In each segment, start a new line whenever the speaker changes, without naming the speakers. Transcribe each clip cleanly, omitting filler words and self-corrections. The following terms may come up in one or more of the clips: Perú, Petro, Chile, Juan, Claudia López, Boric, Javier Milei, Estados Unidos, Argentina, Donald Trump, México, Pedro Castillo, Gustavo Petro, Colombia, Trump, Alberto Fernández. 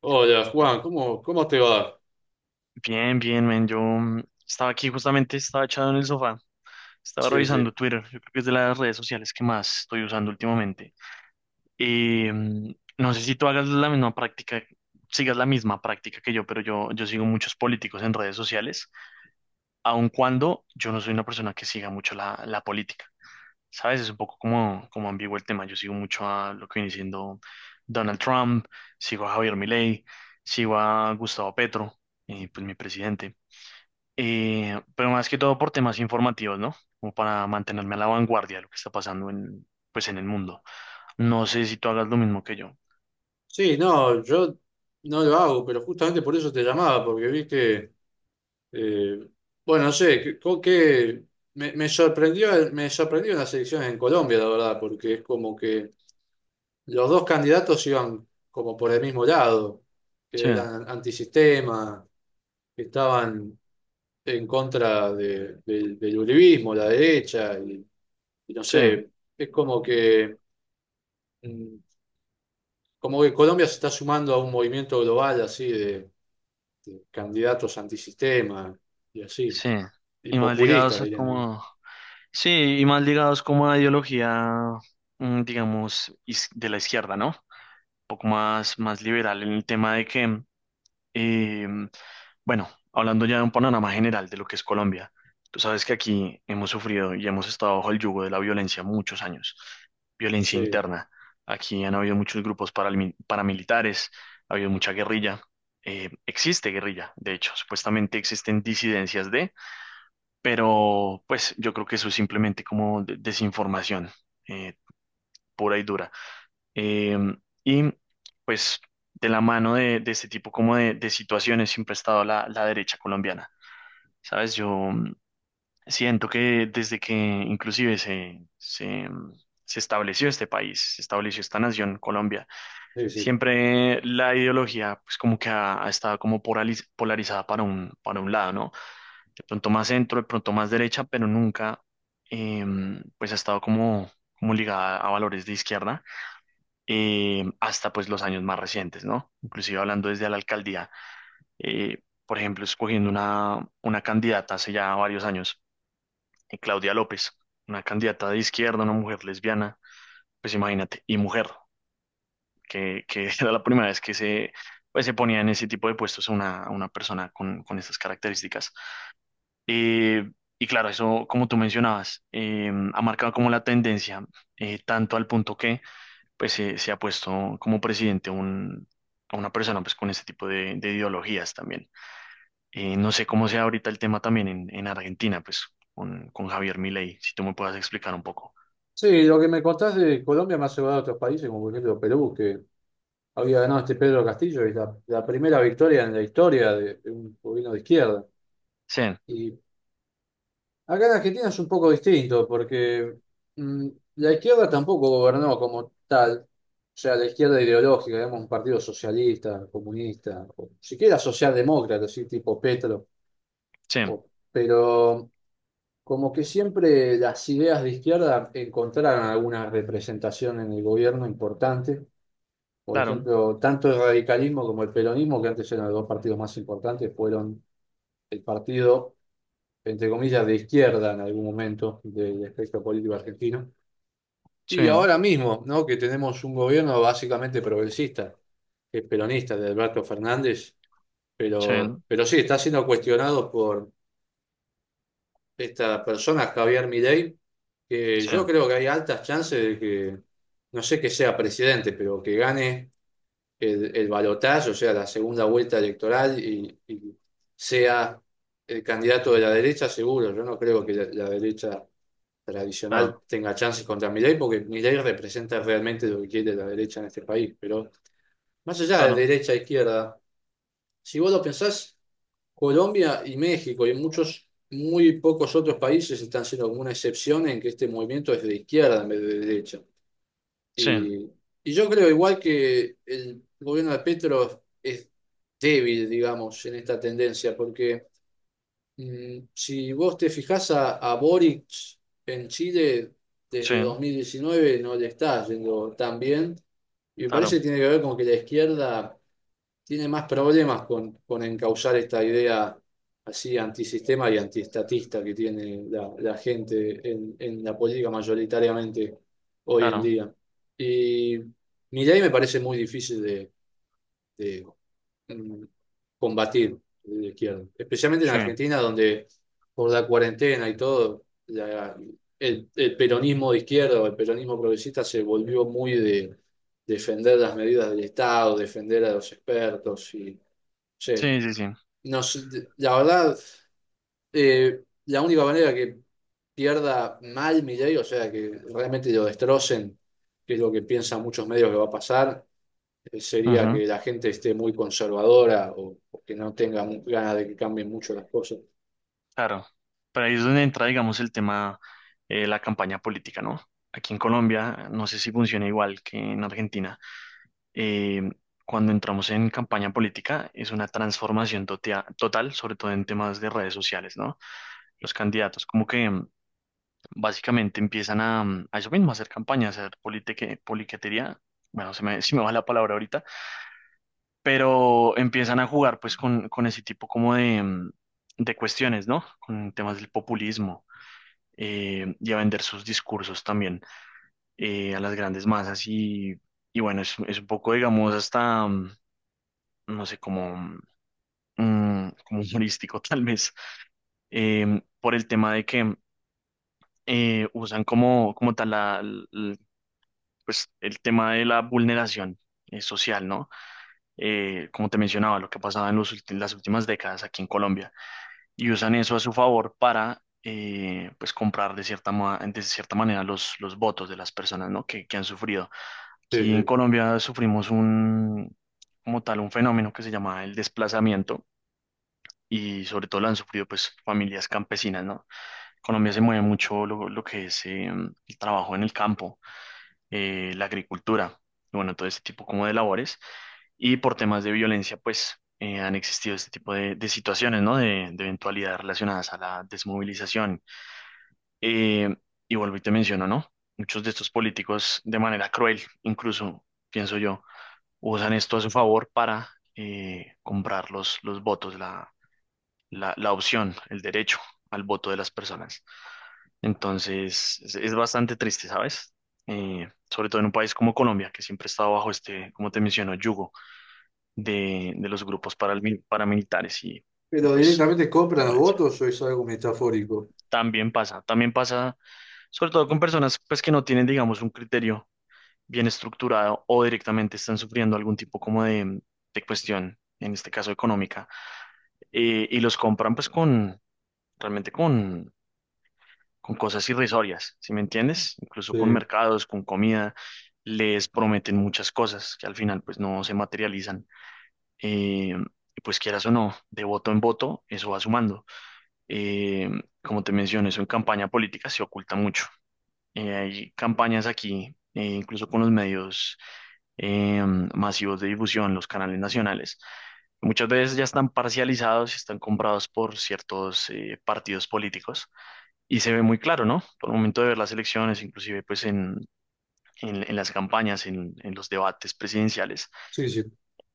Hola Juan, ¿cómo te va?
Bien, bien, men. Yo estaba aquí justamente, estaba echado en el sofá, estaba
Sí, sí.
revisando Twitter. Yo creo que es de las redes sociales que más estoy usando últimamente. Y mm, no sé si tú hagas la misma práctica, sigas la misma práctica que yo, pero yo sigo muchos políticos en redes sociales, aun cuando yo no soy una persona que siga mucho la política. ¿Sabes? Es un poco como ambiguo el tema. Yo sigo mucho a lo que viene siendo Donald Trump, sigo a Javier Milei, sigo a Gustavo Petro, pues mi presidente. Pero más que todo por temas informativos, ¿no? Como para mantenerme a la vanguardia de lo que está pasando en, pues, en el mundo. No sé si tú hagas lo mismo que yo.
Sí, no, yo no lo hago, pero justamente por eso te llamaba, porque vi que, eh, bueno, no sé, que, con que me sorprendió, me sorprendió las elecciones en Colombia, la verdad, porque es como que los dos candidatos iban como por el mismo lado,
Sí,
que eran antisistema, que estaban del uribismo, la derecha, y no
sí,
sé, es como que... mm, como que Colombia se está sumando a un movimiento global así de candidatos antisistema y así,
sí.
y
Y más
populistas
ligados a
dirían algunos.
como... Sí, y más ligados como a ideología, digamos, de la izquierda, ¿no? Un poco más liberal en el tema de que. Eh, bueno, hablando ya de un panorama general de lo que es Colombia, tú sabes que aquí hemos sufrido y hemos estado bajo el yugo de la violencia muchos años, violencia
Sí,
interna. Aquí han habido muchos grupos paramilitares, ha habido mucha guerrilla. Existe guerrilla, de hecho, supuestamente existen disidencias de, pero pues yo creo que eso es simplemente como desinformación eh, pura y dura. Em, y pues de la mano de este tipo como de situaciones siempre ha estado la derecha colombiana. Sabes, yo siento que desde que inclusive se estableció este país, se estableció esta nación, Colombia,
sí, sí.
siempre la ideología pues como que ha estado como polarizada para para un lado, ¿no? De pronto más centro, de pronto más derecha, pero nunca pues ha estado como, como ligada a valores de izquierda hasta pues los años más recientes, ¿no? Inclusive hablando desde la alcaldía, eh, por ejemplo, escogiendo una candidata hace ya varios años, Claudia López, una candidata de izquierda, una mujer lesbiana, pues imagínate, y mujer, que era la primera vez que se, pues, se ponía en ese tipo de puestos una persona con estas características. Eh, y claro, eso, como tú mencionabas, ha marcado como la tendencia, tanto al punto que pues se ha puesto como presidente un, a una persona pues con este tipo de ideologías también. No sé cómo sea ahorita el tema también en Argentina, pues con Javier Milei, si tú me puedas explicar un poco.
Sí, lo que me contás de Colombia me ha llevado a otros países, como por ejemplo Perú, que había ganado este Pedro Castillo, y la primera victoria en la historia de un gobierno de izquierda.
Sí,
Y acá en Argentina es un poco distinto porque mm, la izquierda tampoco gobernó como tal, o sea, la izquierda ideológica, digamos, un partido socialista, comunista, o siquiera socialdemócrata, así tipo Petro,
sí,
o- pero como que siempre las ideas de izquierda encontraron alguna representación en el gobierno importante, por
claro,
ejemplo, tanto el radicalismo como el peronismo, que antes eran los dos partidos más importantes, fueron el partido, entre comillas, de izquierda en algún momento del espectro político argentino. Y
sí,
ahora mismo, ¿no? Que tenemos un gobierno básicamente progresista, que es peronista, de Alberto Fernández,
sí,
pero sí, está siendo cuestionado por esta persona, Javier Milei, que
sí,
yo creo que hay altas chances de que, no sé que sea presidente, pero que gane el balotaje, o sea, la segunda vuelta electoral, y sea el candidato de la derecha, seguro. Yo no creo que la derecha
claro,
tradicional tenga chances contra Milei, porque Milei representa realmente lo que quiere la derecha en este país. Pero más allá de
claro,
derecha e izquierda, si vos lo pensás, Colombia y México y muchos, muy pocos otros países están siendo como una excepción en que este movimiento es de izquierda en vez de derecha.
sí,
Y, y yo creo igual que el gobierno de Petro es débil, digamos, en esta tendencia, porque si vos te fijás a Boric en Chile desde
sí,
2019 no le está yendo tan bien, y me parece
claro,
que tiene que ver con que la izquierda tiene más problemas con encauzar esta idea así antisistema y antiestatista que tiene la gente en la política mayoritariamente hoy en
claro,
día. Y Milei me parece muy difícil de, mm, combatir de la izquierda, especialmente en
sí,
Argentina, donde por la cuarentena y todo, el peronismo de izquierda o el peronismo progresista se volvió muy de defender las medidas del Estado, defender a los expertos y sí,
sí, sí, sí,
no sé, la verdad, la única manera que pierda mal Milei, o sea, que realmente lo destrocen, que es lo que piensan muchos medios que va a pasar, sería
ujú,
que la gente esté muy conservadora o que no tenga ganas de que cambien mucho las cosas.
claro. Pero ahí es donde entra, digamos, el tema, la campaña política, ¿no? Aquí en Colombia, no sé si funciona igual que en Argentina. eh, Cuando entramos en campaña política es una transformación total, sobre todo en temas de redes sociales, ¿no? Los candidatos como que básicamente empiezan a eso mismo, a hacer campaña, a hacer politiquería. Bueno, se me va la palabra ahorita, pero empiezan a jugar pues con ese tipo como de, de cuestiones, ¿no? Con temas del populismo y a vender sus discursos también a las grandes masas y bueno, es un poco, digamos, hasta, no sé, cómo como humorístico, tal vez, por el tema de que usan como, como tal pues, el tema de la vulneración social, ¿no? Como te mencionaba, lo que pasaba en los las últimas décadas aquí en Colombia, y usan eso a su favor para, pues, comprar de cierta, de cierta manera los votos de las personas, ¿no? Que han sufrido.
Sí,
Aquí en
sí.
Colombia sufrimos un, como tal, un fenómeno que se llama el desplazamiento. Y sobre todo lo han sufrido pues familias campesinas, ¿no? Colombia se mueve mucho lo que es el trabajo en el campo, la agricultura, y bueno, todo este tipo como de labores. Y por temas de violencia, pues han existido este tipo de situaciones, ¿no? De eventualidades relacionadas a la desmovilización. Eh, y vuelvo y te menciono, ¿no? Muchos de estos políticos, de manera cruel, incluso, pienso yo, usan esto a su favor para comprar los votos, la opción, el derecho al voto de las personas. Entonces, es bastante triste, ¿sabes? Sobre todo en un país como Colombia, que siempre está bajo este, como te menciono, yugo de los grupos paramilitares y
¿Pero
pues
directamente compran los
violencia.
votos o es algo metafórico?
También pasa, sobre todo con personas pues que no tienen, digamos, un criterio bien estructurado o directamente están sufriendo algún tipo como de cuestión, en este caso económica, y los compran pues con, realmente con cosas irrisorias, ¿sí me entiendes? Incluso
Sí.
con mercados, con comida, les prometen muchas cosas que al final pues no se materializan. Eh, y pues quieras o no, de voto en voto, eso va sumando. Eh, Como te mencioné, eso en campaña política se oculta mucho. Hay campañas aquí, incluso con los medios eh, masivos de difusión, los canales nacionales. Muchas veces ya están parcializados y están comprados por ciertos partidos políticos y se ve muy claro, ¿no? Por el momento de ver las elecciones, inclusive pues en, en las campañas, en los debates presidenciales,
Sí, sí.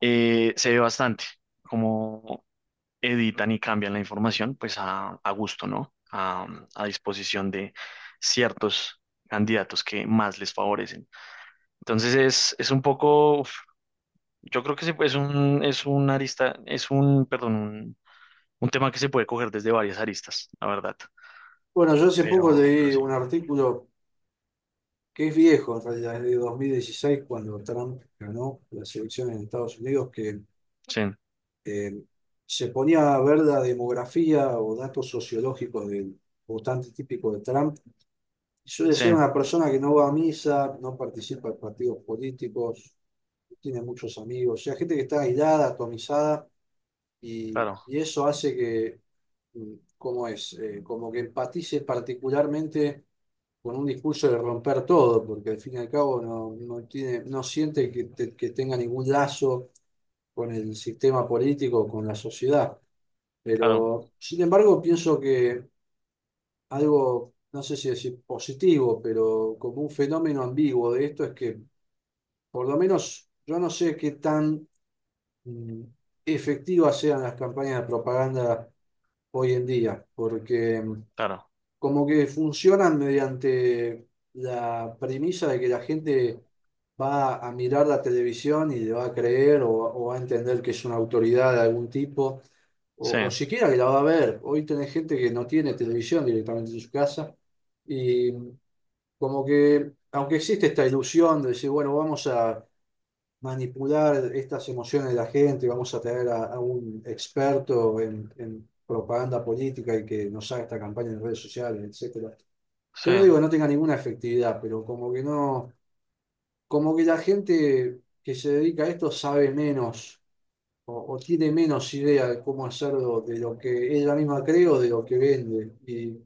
se ve bastante cómo editan y cambian la información pues a gusto, ¿no? A disposición de ciertos candidatos que más les favorecen. Entonces es un poco, uf, yo creo que es un arista, es un, perdón, un tema que se puede coger desde varias aristas, la verdad.
Bueno, yo hace poco
Pero
leí un
sí,
artículo que es viejo, en realidad, es de 2016 cuando Trump ganó las elecciones en Estados Unidos, que
sí,
eh, se ponía a ver la demografía o datos sociológicos del votante típico de Trump. Suele
sí,
ser una persona que no va a misa, no participa en partidos políticos, no tiene muchos amigos, o sea, gente que está aislada, atomizada,
claro,
y eso hace que, mm, ¿cómo es? Como que empatice particularmente con un discurso de romper todo, porque al fin y al cabo no, no tiene, no siente que, que tenga ningún lazo con el sistema político, con la sociedad.
claro.
Pero, sin embargo, pienso que algo, no sé si decir positivo, pero como un fenómeno ambiguo de esto es que por lo menos yo no sé qué tan mm, efectivas sean las campañas de propaganda hoy en día, porque
Claro,
como que funcionan mediante la premisa de que la gente va a mirar la televisión y le va a creer o va a entender que es una autoridad de algún tipo,
sí,
o siquiera que la va a ver. Hoy tenés gente que no tiene televisión directamente en su casa y como que, aunque existe esta ilusión de decir, bueno, vamos a manipular estas emociones de la gente, vamos a traer a un experto en propaganda política y que nos haga esta campaña en redes sociales, etcétera.
sí,
Yo no digo que no tenga ninguna efectividad, pero como que no, como que la gente que se dedica a esto sabe menos o tiene menos idea de cómo hacerlo de lo que ella misma cree o de lo que vende. Y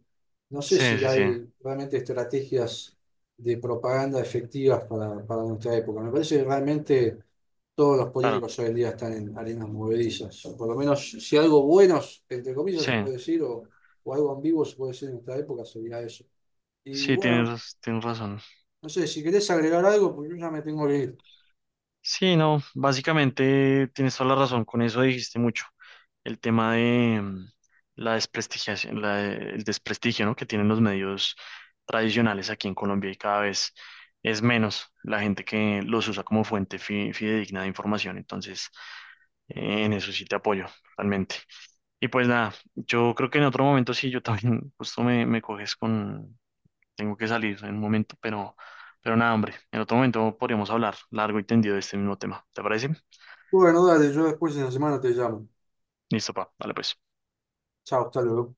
no sé
sí,
si
sí, sí,
hay realmente estrategias de propaganda efectivas para nuestra época. Me parece que realmente todos los
claro,
políticos hoy en día están en arenas movedizas. Por lo menos si algo buenos, entre comillas,
sí,
se puede decir, o algo ambiguo se puede decir en nuestra época, sería eso. Y
sí,
bueno,
tienes, tienes razón.
no sé, si querés agregar algo, porque yo ya me tengo que ir.
Sí, no, básicamente tienes toda la razón, con eso dijiste mucho. El tema de la desprestigiación, la el desprestigio, ¿no? Que tienen los medios tradicionales aquí en Colombia y cada vez es menos la gente que los usa como fuente fidedigna de información. Entonces, en eso sí te apoyo, realmente. Y pues nada, yo creo que en otro momento sí, yo también justo me coges con... Tengo que salir en un momento, pero nada, hombre. En otro momento podríamos hablar largo y tendido de este mismo tema. ¿Te parece?
Bueno, dale, yo después en la semana te llamo.
Listo, pa. Vale, pues.
Chao, hasta luego.